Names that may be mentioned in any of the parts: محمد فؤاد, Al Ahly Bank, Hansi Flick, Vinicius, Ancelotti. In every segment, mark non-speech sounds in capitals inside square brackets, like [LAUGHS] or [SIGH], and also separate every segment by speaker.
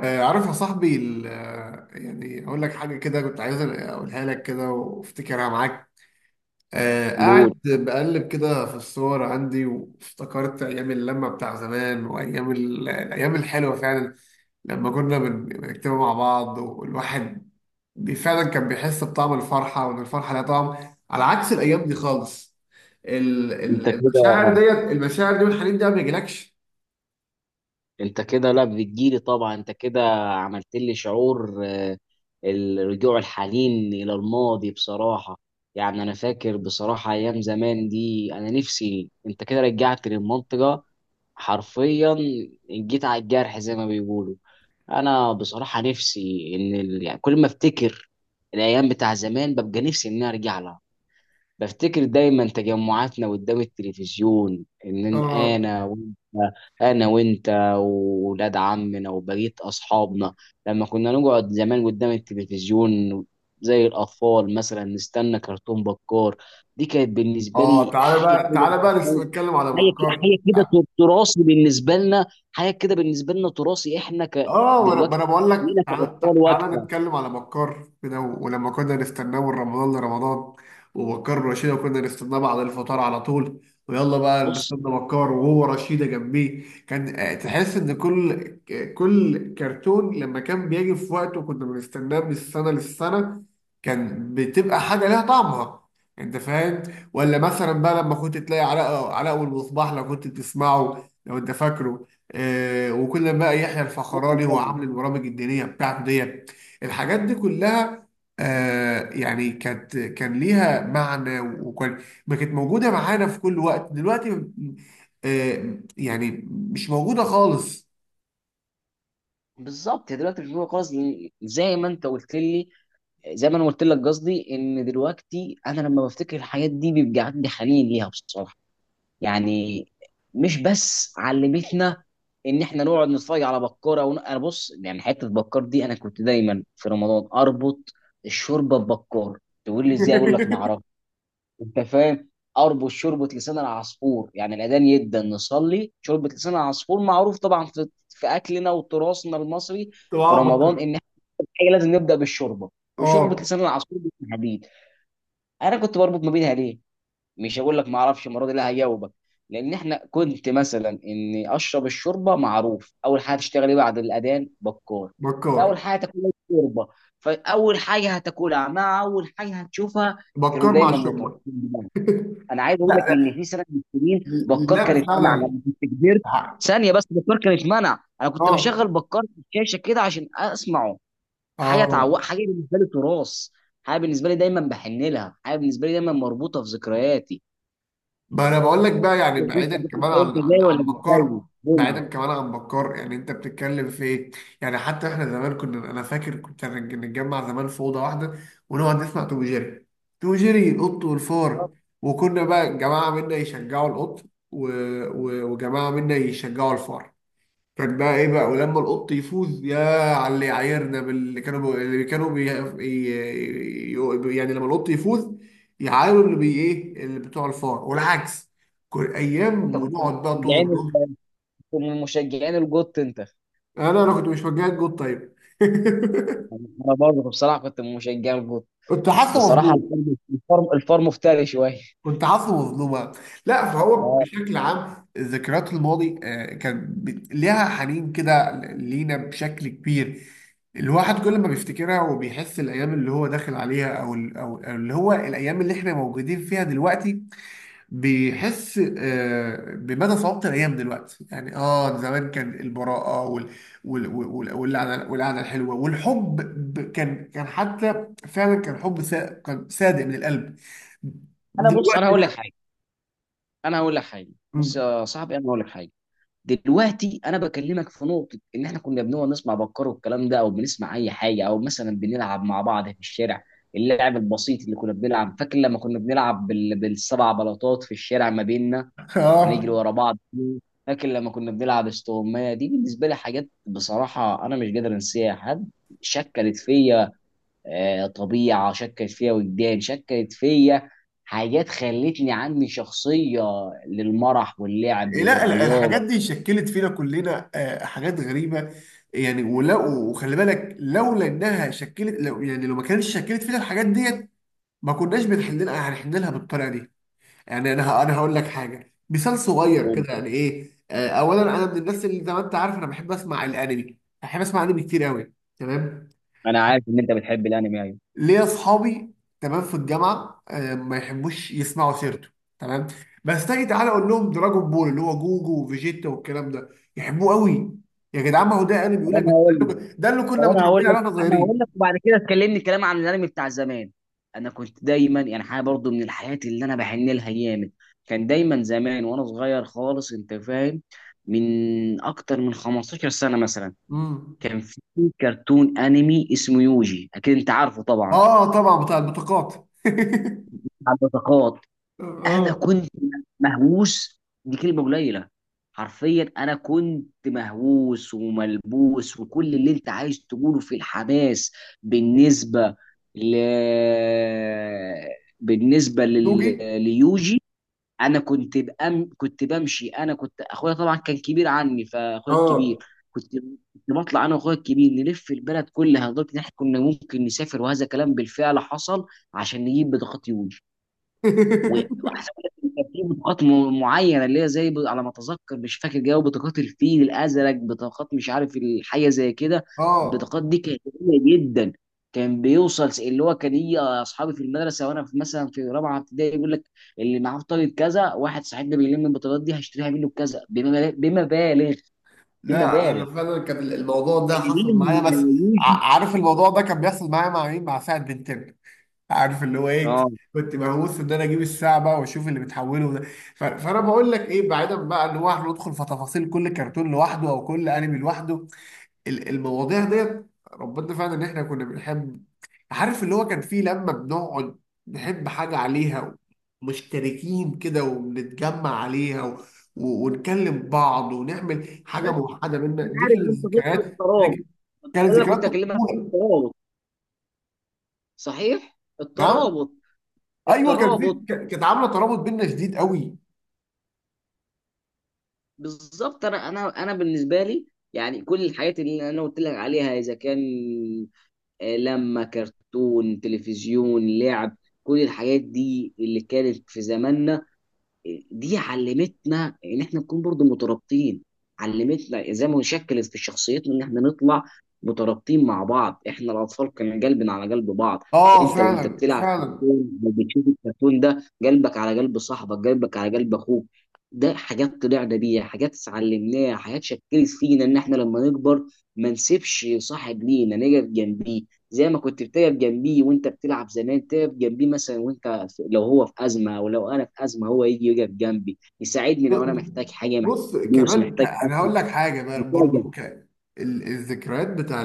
Speaker 1: عارف يا صاحبي يعني اقول لك حاجه كده، كنت عايز اقولها لك كده وافتكرها معاك.
Speaker 2: قول.
Speaker 1: قاعد بقلب كده في الصور عندي وافتكرت ايام اللمه بتاع زمان وايام الايام الحلوه فعلا. لما كنا بنكتبها مع بعض والواحد فعلا كان بيحس بطعم الفرحه، وان الفرحه لها طعم، على عكس الايام دي خالص.
Speaker 2: انت كده
Speaker 1: المشاعر دي والحنين ده ما بيجيلكش.
Speaker 2: انت كده لا بتجيلي طبعا. انت كده عملت لي شعور، الرجوع، الحنين الى الماضي بصراحه. يعني انا فاكر بصراحه ايام زمان دي، انا نفسي. انت كده رجعت للمنطقه حرفيا، جيت على الجرح زي ما بيقولوا. انا بصراحه نفسي ان يعني كل ما افتكر الايام بتاع زمان ببقى نفسي ان انا ارجع لها. بفتكر دايما تجمعاتنا قدام التلفزيون، ان
Speaker 1: اه.
Speaker 2: انا وانت، انا وانت واولاد عمنا وبقيه اصحابنا، لما كنا نقعد زمان قدام التلفزيون زي الاطفال مثلا نستنى كرتون بكار. دي كانت بالنسبه
Speaker 1: اه،
Speaker 2: لي
Speaker 1: تعالى
Speaker 2: حاجه
Speaker 1: بقى
Speaker 2: كده،
Speaker 1: تعالى بقى نتكلم على بكار.
Speaker 2: تراثي بالنسبه لنا. حاجه كده بالنسبه لنا تراثي، احنا ك
Speaker 1: اه، وانا ما
Speaker 2: دلوقتي،
Speaker 1: أنا بقول لك
Speaker 2: لينا
Speaker 1: تعالى،
Speaker 2: كاطفال
Speaker 1: تعالى
Speaker 2: وقتها.
Speaker 1: نتكلم على مكار كده، ولما كنا نستناه من رمضان لرمضان ومكار ورشيدة، وكنا نستناه بعد الفطار على طول. ويلا بقى
Speaker 2: بص،
Speaker 1: نستنى مكار وهو رشيدة جنبيه، كان تحس ان كل كرتون لما كان بيجي في وقته كنا بنستناه من السنة للسنة. كان بتبقى حاجة ليها طعمها، انت فاهم؟ ولا مثلا بقى لما كنت تلاقي علاء، علاء والمصباح، لو كنت بتسمعه، لو انت فاكره. وكل بقى يحيى الفخراني هو عامل البرامج الدينيه بتاعته ديت، الحاجات دي كلها. يعني كان ليها معنى، وكان ما كانت موجوده معانا في كل وقت دلوقتي. يعني مش موجوده خالص.
Speaker 2: بالظبط يا دلوقتي مش موجودة خالص، لأن زي ما انت قلت لي، زي ما انا قلت لك، قصدي ان دلوقتي انا لما بفتكر الحاجات دي بيبقى عندي حنين ليها بصراحه. يعني مش بس علمتنا ان احنا نقعد نتفرج على بكاره انا بص، يعني حته بكار دي انا كنت دايما في رمضان اربط الشوربه ببكار. تقول لي ازاي؟ اقول لك ما
Speaker 1: [LAUGHS]
Speaker 2: اعرفش. انت فاهم، اربط شوربه لسان العصفور. يعني الاذان يبدا نصلي، شوربه لسان العصفور معروف طبعا في اكلنا وتراثنا المصري في
Speaker 1: طبعا
Speaker 2: رمضان،
Speaker 1: بكر.
Speaker 2: ان حاجه لازم نبدا بالشوربه، وشوربه
Speaker 1: اه
Speaker 2: لسان العصفور بالحديد. انا كنت بربط ما بينها ليه؟ مش هقول لك ما اعرفش المره دي، لا هجاوبك. لان احنا كنت مثلا اني اشرب الشوربه، معروف اول حاجه تشتغل ايه بعد الاذان؟ بكار. فاول
Speaker 1: بكار.
Speaker 2: حاجه تاكلها الشوربه، فاول حاجه هتاكلها مع اول حاجه هتشوفها، كانوا
Speaker 1: بكار مع
Speaker 2: دايما متربطين
Speaker 1: الشرطه.
Speaker 2: ببعض.
Speaker 1: [LAUGHS]
Speaker 2: انا عايز اقول لك
Speaker 1: لا،
Speaker 2: ان في سنه من السنين بكار كان
Speaker 1: لا
Speaker 2: اتمنع
Speaker 1: فعلا.
Speaker 2: لما كنت كبرت. ثانيه بس، بكار كان اتمنع. انا كنت بشغل
Speaker 1: اه.
Speaker 2: بكار في الشاشه كده عشان اسمعه.
Speaker 1: اه،
Speaker 2: حاجه بالنسبه لي تراث، حاجه بالنسبه لي دايما بحن لها، حاجه بالنسبه لي دايما مربوطه في ذكرياتي.
Speaker 1: ما انا بقول لك بقى، يعني
Speaker 2: انت
Speaker 1: بعيدا كمان
Speaker 2: انت انت
Speaker 1: عن
Speaker 2: زي ولا مش زي؟
Speaker 1: بكار،
Speaker 2: قول
Speaker 1: بعيدا
Speaker 2: لي.
Speaker 1: كمان عن بكار، يعني انت بتتكلم في ايه؟ يعني حتى احنا زمان كنا، انا فاكر، كنت نتجمع زمان في اوضه واحده، ونقعد نسمع توم جيري، توم جيري القط والفار. وكنا بقى جماعه منا يشجعوا القط، و... وجماعه منا يشجعوا الفار. كان بقى ايه بقى، ولما القط يفوز يا، على اللي يعايرنا، باللي كانوا بي... اللي كانوا بي... ي... ي- يعني لما القط يفوز يعايروا اللي بي ايه، اللي بتوع الفار والعكس، كل
Speaker 2: انت
Speaker 1: ايام
Speaker 2: كنت من
Speaker 1: ونقعد بقى طول
Speaker 2: مشجعين ال-
Speaker 1: الظهر.
Speaker 2: كنت من مشجعين الجوت انت.
Speaker 1: انا كنت مش مجاهد جود طيب.
Speaker 2: انا برضه بصراحه كنت من مشجعين الجوت.
Speaker 1: [LAUGHS] كنت حاسه
Speaker 2: بصراحه
Speaker 1: مظلوم.
Speaker 2: الفرم افتري شويه.
Speaker 1: كنت حافظه مظلومة. لا، فهو بشكل عام ذكريات الماضي كان ليها حنين كده لينا بشكل كبير. الواحد كل ما بيفتكرها، وبيحس الايام اللي هو داخل عليها، او اللي هو الايام اللي احنا موجودين فيها دلوقتي، بيحس بمدى صعوبة الايام دلوقتي. يعني زمان كان البراءة واللعنة الحلوة والحب. كان حتى فعلا كان حب كان صادق من القلب.
Speaker 2: انا بص، انا
Speaker 1: دلوقتي.
Speaker 2: هقول لك حاجه، انا هقول لك حاجه، بص
Speaker 1: مم.
Speaker 2: يا صاحبي، انا هقول لك حاجه. دلوقتي انا بكلمك في نقطه، ان احنا كنا بنقعد نسمع بكار والكلام ده، او بنسمع اي حاجه، او مثلا بنلعب مع بعض في الشارع. اللعب البسيط اللي كنا بنلعب، فاكر لما كنا بنلعب بالسبع بلاطات في الشارع ما بيننا، ونجري
Speaker 1: اه.
Speaker 2: ورا بعض. فاكر لما كنا بنلعب استغمايه؟ دي بالنسبه لي حاجات بصراحه انا مش قادر انساها. حد شكلت فيا، طبيعه شكلت فيا، وجدان شكلت فيا، حاجات خلتني عندي شخصيه للمرح واللعب،
Speaker 1: لا، الحاجات
Speaker 2: للرياضه.
Speaker 1: دي شكلت فينا كلنا حاجات غريبه. يعني ولا، وخلي بالك، لولا انها شكلت، لو يعني لو ما كانتش شكلت فينا الحاجات ديت، ما كناش بنحل لها، هنحل لها بالطريقه دي. يعني انا هقول لك حاجه، مثال صغير كده يعني ايه. اولا انا من الناس اللي زي ما انت عارف انا بحب اسمع الانمي، بحب اسمع انمي كتير قوي. تمام،
Speaker 2: انا عارف ان انت بتحب الانمي. ايوه.
Speaker 1: ليا اصحابي. تمام، في الجامعه ما يحبوش يسمعوا سيرته. تمام. بس تيجي تعالى اقول لهم دراجون بول، اللي هو جوجو وفيجيتا والكلام ده، يحبوه قوي. يا جدعان، ما هو ده انا بيقول
Speaker 2: طب
Speaker 1: لك
Speaker 2: انا
Speaker 1: بس،
Speaker 2: هقول
Speaker 1: ده
Speaker 2: لك
Speaker 1: اللي، ده اللي
Speaker 2: طب
Speaker 1: كنا
Speaker 2: انا هقول
Speaker 1: متربيين
Speaker 2: لك
Speaker 1: عليه واحنا
Speaker 2: انا هقول لك
Speaker 1: صغيرين.
Speaker 2: وبعد كده تكلمني كلام عن الانمي بتاع زمان. انا كنت دايما يعني حاجه برضو من الحاجات اللي انا بحن لها جامد. كان دايما زمان وانا صغير خالص، انت فاهم، من اكتر من 15 سنه مثلا،
Speaker 1: امم
Speaker 2: كان في كرتون انمي اسمه يوجي، اكيد انت عارفه طبعا.
Speaker 1: اه، طبعا، بتاع البطاقات.
Speaker 2: بتاع البطاقات.
Speaker 1: [LAUGHS]
Speaker 2: انا
Speaker 1: اه،
Speaker 2: كنت مهووس، دي كلمه قليله. حرفيا انا كنت مهووس وملبوس، وكل اللي انت عايز تقوله في الحماس. بالنسبه ل بالنسبه
Speaker 1: نوجي.
Speaker 2: لل... ليوجي. كنت بمشي. انا كنت اخويا طبعا كان كبير عني، فاخويا الكبير
Speaker 1: اه.
Speaker 2: كنت كنت بطلع انا واخويا الكبير نلف البلد كلها، لدرجه ان احنا كنا ممكن نسافر، وهذا كلام بالفعل حصل، عشان نجيب بطاقات يوجي.
Speaker 1: [LAUGHS]
Speaker 2: واحسن لك، إن كان في بطاقات معينه، اللي هي زي على ما اتذكر، مش فاكر جو بطاقات الفيل الازرق، بطاقات مش عارف الحاجه زي كده.
Speaker 1: اه،
Speaker 2: البطاقات دي كانت قليله جدا. كان بيوصل اللي هو كان يجي اصحابي في المدرسه، وانا في مثلا في رابعه ابتدائي، يقول لك اللي معاه بطاقه كذا، واحد صاحبنا بيلم البطاقات دي هشتريها منه بكذا، بمبالغ، بمبالغ،
Speaker 1: لا،
Speaker 2: بمبالغ.
Speaker 1: انا فعلا كان الموضوع ده حصل
Speaker 2: مين؟
Speaker 1: معايا بس.
Speaker 2: يوجي.
Speaker 1: عارف الموضوع ده كان بيحصل معايا مع مين، مع سعد بنتين. عارف اللي هو ايه.
Speaker 2: اه.
Speaker 1: كنت مهووس ان انا اجيب الساعه بقى واشوف اللي بتحوله ده. فانا بقول لك ايه، بعيدا بقى ان هو احنا ندخل في تفاصيل كل كرتون لوحده، او كل انمي لوحده. المواضيع ديت، ربنا، فعلا ان احنا كنا بنحب. عارف اللي هو كان فيه لما بنقعد نحب حاجه عليها، مشتركين كده وبنتجمع عليها، ونكلم بعض، ونعمل حاجه موحده بينا،
Speaker 2: انا
Speaker 1: دي
Speaker 2: عارف
Speaker 1: كانت
Speaker 2: انت ضد
Speaker 1: ذكريات،
Speaker 2: الترابط،
Speaker 1: دي كانت
Speaker 2: انا
Speaker 1: ذكريات
Speaker 2: كنت اكلمك في
Speaker 1: الطفوله.
Speaker 2: الترابط. صحيح
Speaker 1: نعم.
Speaker 2: الترابط،
Speaker 1: ايوه، كان في
Speaker 2: الترابط.
Speaker 1: كانت عامله ترابط بينا شديد قوي.
Speaker 2: بالظبط، انا بالنسبه لي، يعني كل الحاجات اللي انا قلت لك عليها، اذا كان لما كرتون، تلفزيون، لعب، كل الحاجات دي اللي كانت في زماننا، دي علمتنا ان احنا نكون برضو مترابطين. علمتنا ازاي ما نشكل في شخصيتنا، ان احنا نطلع مترابطين مع بعض. احنا الاطفال كان قلبنا على قلب بعض.
Speaker 1: اه،
Speaker 2: انت وانت
Speaker 1: فعلا
Speaker 2: بتلعب في
Speaker 1: فعلا.
Speaker 2: الكون وبتشوف الكرتون ده، قلبك على قلب صاحبك، قلبك على قلب اخوك. ده حاجات طلعنا بيها، حاجات اتعلمناها، حاجات شكلت فينا ان احنا لما نكبر ما نسيبش صاحب لينا، نقف جنبيه. زي ما كنت بتقف جنبيه وانت بتلعب زمان، تقف جنبيه مثلا وانت لو هو في ازمه، او لو انا في ازمه هو يجي يقف جنبي يساعدني،
Speaker 1: ب-
Speaker 2: لو انا
Speaker 1: ب-
Speaker 2: محتاج حاجه، محتاج
Speaker 1: بص،
Speaker 2: فلوس،
Speaker 1: كمان
Speaker 2: محتاج
Speaker 1: انا
Speaker 2: أكل،
Speaker 1: هقول لك حاجه بقى
Speaker 2: محتاج.
Speaker 1: برضو. الذكريات بتاع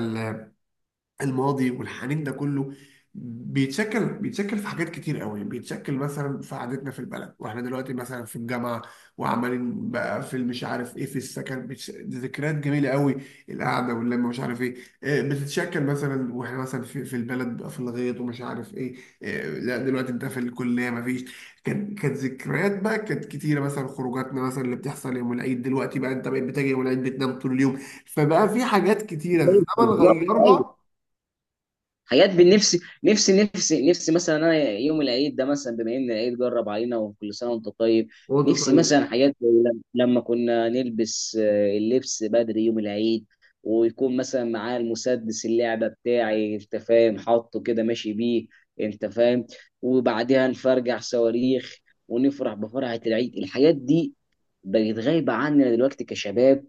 Speaker 1: الماضي والحنين ده كله، بيتشكل في حاجات كتير قوي. بيتشكل مثلا في قعدتنا في البلد واحنا دلوقتي مثلا في الجامعه، وعمالين بقى في مش عارف ايه، في السكن دي ذكريات جميله قوي، القعده واللمه مش عارف ايه. بتتشكل مثلا، واحنا مثلا في البلد بقى، في الغيط ومش عارف ايه. لا، دلوقتي انت في الكليه مفيش. كانت ذكريات بقى، كانت كتيره. مثلا خروجاتنا مثلا اللي بتحصل يوم العيد، دلوقتي بقى انت بقيت بتاجي يوم العيد بتنام طول اليوم. فبقى في حاجات كتيره الزمن
Speaker 2: بالظبط، أيوه.
Speaker 1: غيرها.
Speaker 2: حاجات بالنفس، نفسي نفسي نفسي مثلا انا يوم العيد ده مثلا، بما ان العيد جرب علينا، وكل سنه وانت طيب.
Speaker 1: وانت
Speaker 2: نفسي
Speaker 1: طيب.
Speaker 2: مثلا حاجات زي لما كنا نلبس اللبس بدري يوم العيد، ويكون مثلا معاه المسدس اللعبه بتاعي، انت فاهم، حاطه كده ماشي بيه. انت فاهم، وبعدها نفرجع صواريخ ونفرح بفرحه العيد. الحاجات دي بقت غايبه عننا دلوقتي كشباب،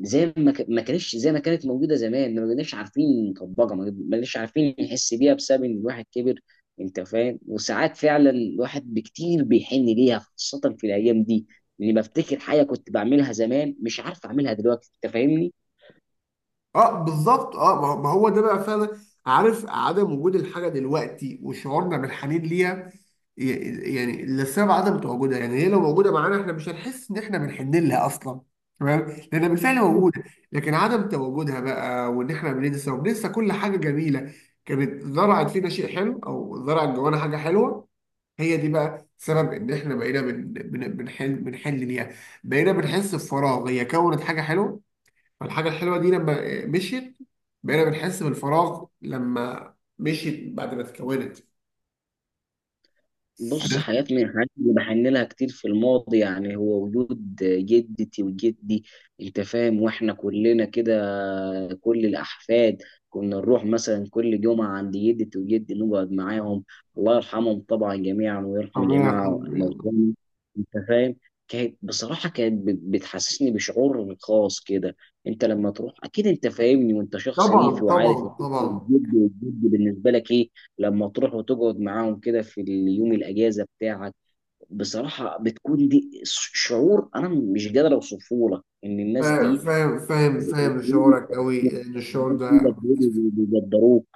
Speaker 2: زي ما ما كانتش، زي ما كانت موجوده زمان، ما كناش عارفين نطبقها، ما كناش عارفين نحس بيها، بسبب ان الواحد كبر. انت فاهم، وساعات فعلا الواحد بكتير بيحن ليها، خاصه في الايام دي، لاني بفتكر حاجه كنت بعملها زمان مش عارف اعملها دلوقتي. انت فاهمني.
Speaker 1: اه، بالظبط، اه، ما هو ده بقى فعلا. عارف، عدم وجود الحاجه دلوقتي وشعورنا بالحنين ليها، يعني لسبب عدم تواجدها، يعني هي لو موجوده معانا احنا مش هنحس ان احنا بنحن لها اصلا، تمام، لانها بالفعل موجوده. لكن عدم تواجدها بقى، وان احنا بننسى، وبننسى كل حاجه جميله كانت زرعت فينا شيء حلو، او زرعت جوانا حاجه حلوه، هي دي بقى سبب ان احنا بقينا بنحن ليها، بقينا بنحس بفراغ. هي كونت حاجه حلوه، فالحاجة الحلوة دي لما مشيت، بقينا بنحس بالفراغ لما مشيت بعد ما اتكونت.
Speaker 2: بص،
Speaker 1: عرفت؟
Speaker 2: حاجات من الحاجات اللي بحن لها كتير في الماضي، يعني هو وجود جدتي وجدي. انت فاهم، واحنا كلنا كده، كل الاحفاد كنا نروح مثلا كل جمعه عند جدتي وجدي نقعد معاهم. الله يرحمهم طبعا جميعا، ويرحم
Speaker 1: ربنا
Speaker 2: جميع
Speaker 1: يرحمه يعني.
Speaker 2: موتانا. انت فاهم، كانت بصراحه بتحسسني بشعور خاص كده. انت لما تروح اكيد انت فاهمني، وانت شخص
Speaker 1: طبعا،
Speaker 2: ريفي، وعارف
Speaker 1: طبعا،
Speaker 2: ان انت
Speaker 1: طبعا.
Speaker 2: الجد والجد بالنسبه لك ايه. لما تروح وتقعد معاهم كده في اليوم الاجازه بتاعك، بصراحه بتكون دي شعور انا مش قادر اوصفه لك، ان الناس دي،
Speaker 1: فاهم فاهم
Speaker 2: الناس
Speaker 1: فاهم شعورك قوي، ان الشعور
Speaker 2: دي
Speaker 1: ده.
Speaker 2: بجد بيقدروك.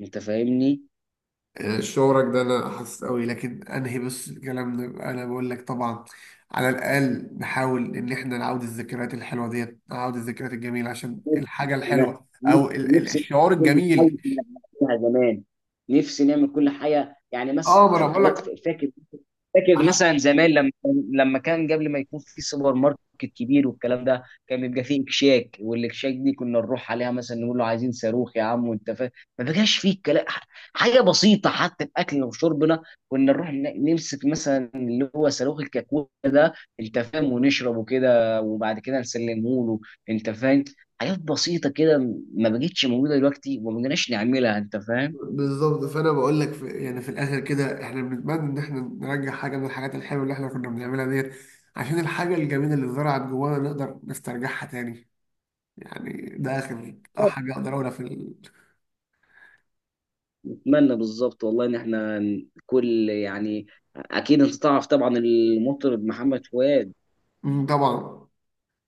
Speaker 2: انت فاهمني.
Speaker 1: [LAUGHS] شعورك ده انا حاسس قوي، لكن انهي بس، الكلام ده انا بقول لك، طبعا على الاقل نحاول ان احنا نعود الذكريات الحلوه ديت، نعود الذكريات الجميله عشان الحاجه
Speaker 2: انا
Speaker 1: الحلوه، او
Speaker 2: نفسي
Speaker 1: الشعور
Speaker 2: نعمل كل حاجه
Speaker 1: الجميل.
Speaker 2: كنا بنعملها زمان. نفسي نعمل كل حاجه، يعني
Speaker 1: اه، ما انا
Speaker 2: مثلا
Speaker 1: بقول
Speaker 2: حاجات
Speaker 1: لك.
Speaker 2: فاكر. فاكر مثلا زمان لما كان قبل ما يكون في سوبر ماركت كبير والكلام ده، كان بيبقى فيه اكشاك، والاكشاك دي كنا نروح عليها مثلا نقول له عايزين صاروخ يا عم، وانت فاهم، ما بقاش فيه كلام. حاجه بسيطه حتى في اكلنا وشربنا، كنا نروح نمسك مثلا اللي هو صاروخ الكاكولا ده، انت فاهم، ونشربه كده، وبعد كده نسلمه له. انت فاهم، حاجات بسيطه كده ما بقتش موجوده دلوقتي، وما بقناش نعملها. انت فاهم.
Speaker 1: بالظبط، فانا بقول لك في، يعني في الاخر كده، احنا بنتمنى ان احنا نرجع حاجه من الحاجات الحلوه اللي احنا كنا بنعملها ديت، عشان الحاجه الجميله اللي زرعت جوانا نقدر نسترجعها تاني. يعني ده اخر حاجه اقدر اقولها في ال...
Speaker 2: اتمنى بالظبط والله ان احنا كل، يعني، اكيد انت تعرف طبعا المطرب محمد فؤاد.
Speaker 1: مم، طبعا.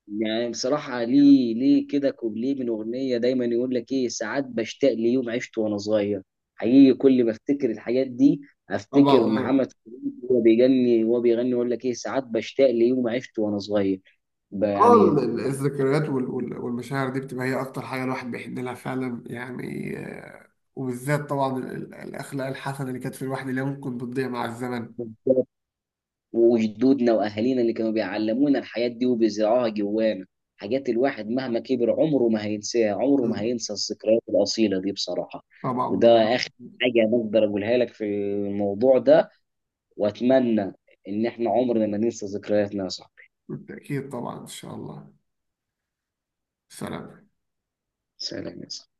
Speaker 2: يعني بصراحه، ليه ليه كده كوبليه من اغنيه دايما يقول لك ايه: ساعات بشتاق ليوم عشت وانا صغير. حقيقي كل ما افتكر الحاجات دي،
Speaker 1: طبعا،
Speaker 2: افتكر
Speaker 1: اه.
Speaker 2: محمد فؤاد وهو بيغني، يقول لك ايه ساعات بشتاق ليوم عشت وانا صغير. يعني
Speaker 1: الذكريات والمشاعر دي بتبقى هي اكتر حاجه الواحد بيحن لها فعلا، يعني وبالذات طبعا الاخلاق الحسنه اللي كانت في الواحد، اللي ممكن بتضيع مع الزمن.
Speaker 2: وجدودنا واهالينا اللي كانوا بيعلمونا الحاجات دي وبيزرعوها جوانا، حاجات الواحد مهما كبر عمره ما هينساها، عمره ما هينسى الذكريات الاصيله دي بصراحه.
Speaker 1: طبعا،
Speaker 2: وده اخر
Speaker 1: بالظبط.
Speaker 2: حاجه أنا اقدر اقولها لك في الموضوع ده. واتمنى ان احنا عمرنا ما ننسى ذكرياتنا يا صاحبي.
Speaker 1: بالتاكيد طبعا ان شاء الله. سلام.
Speaker 2: سلام يا صاحبي.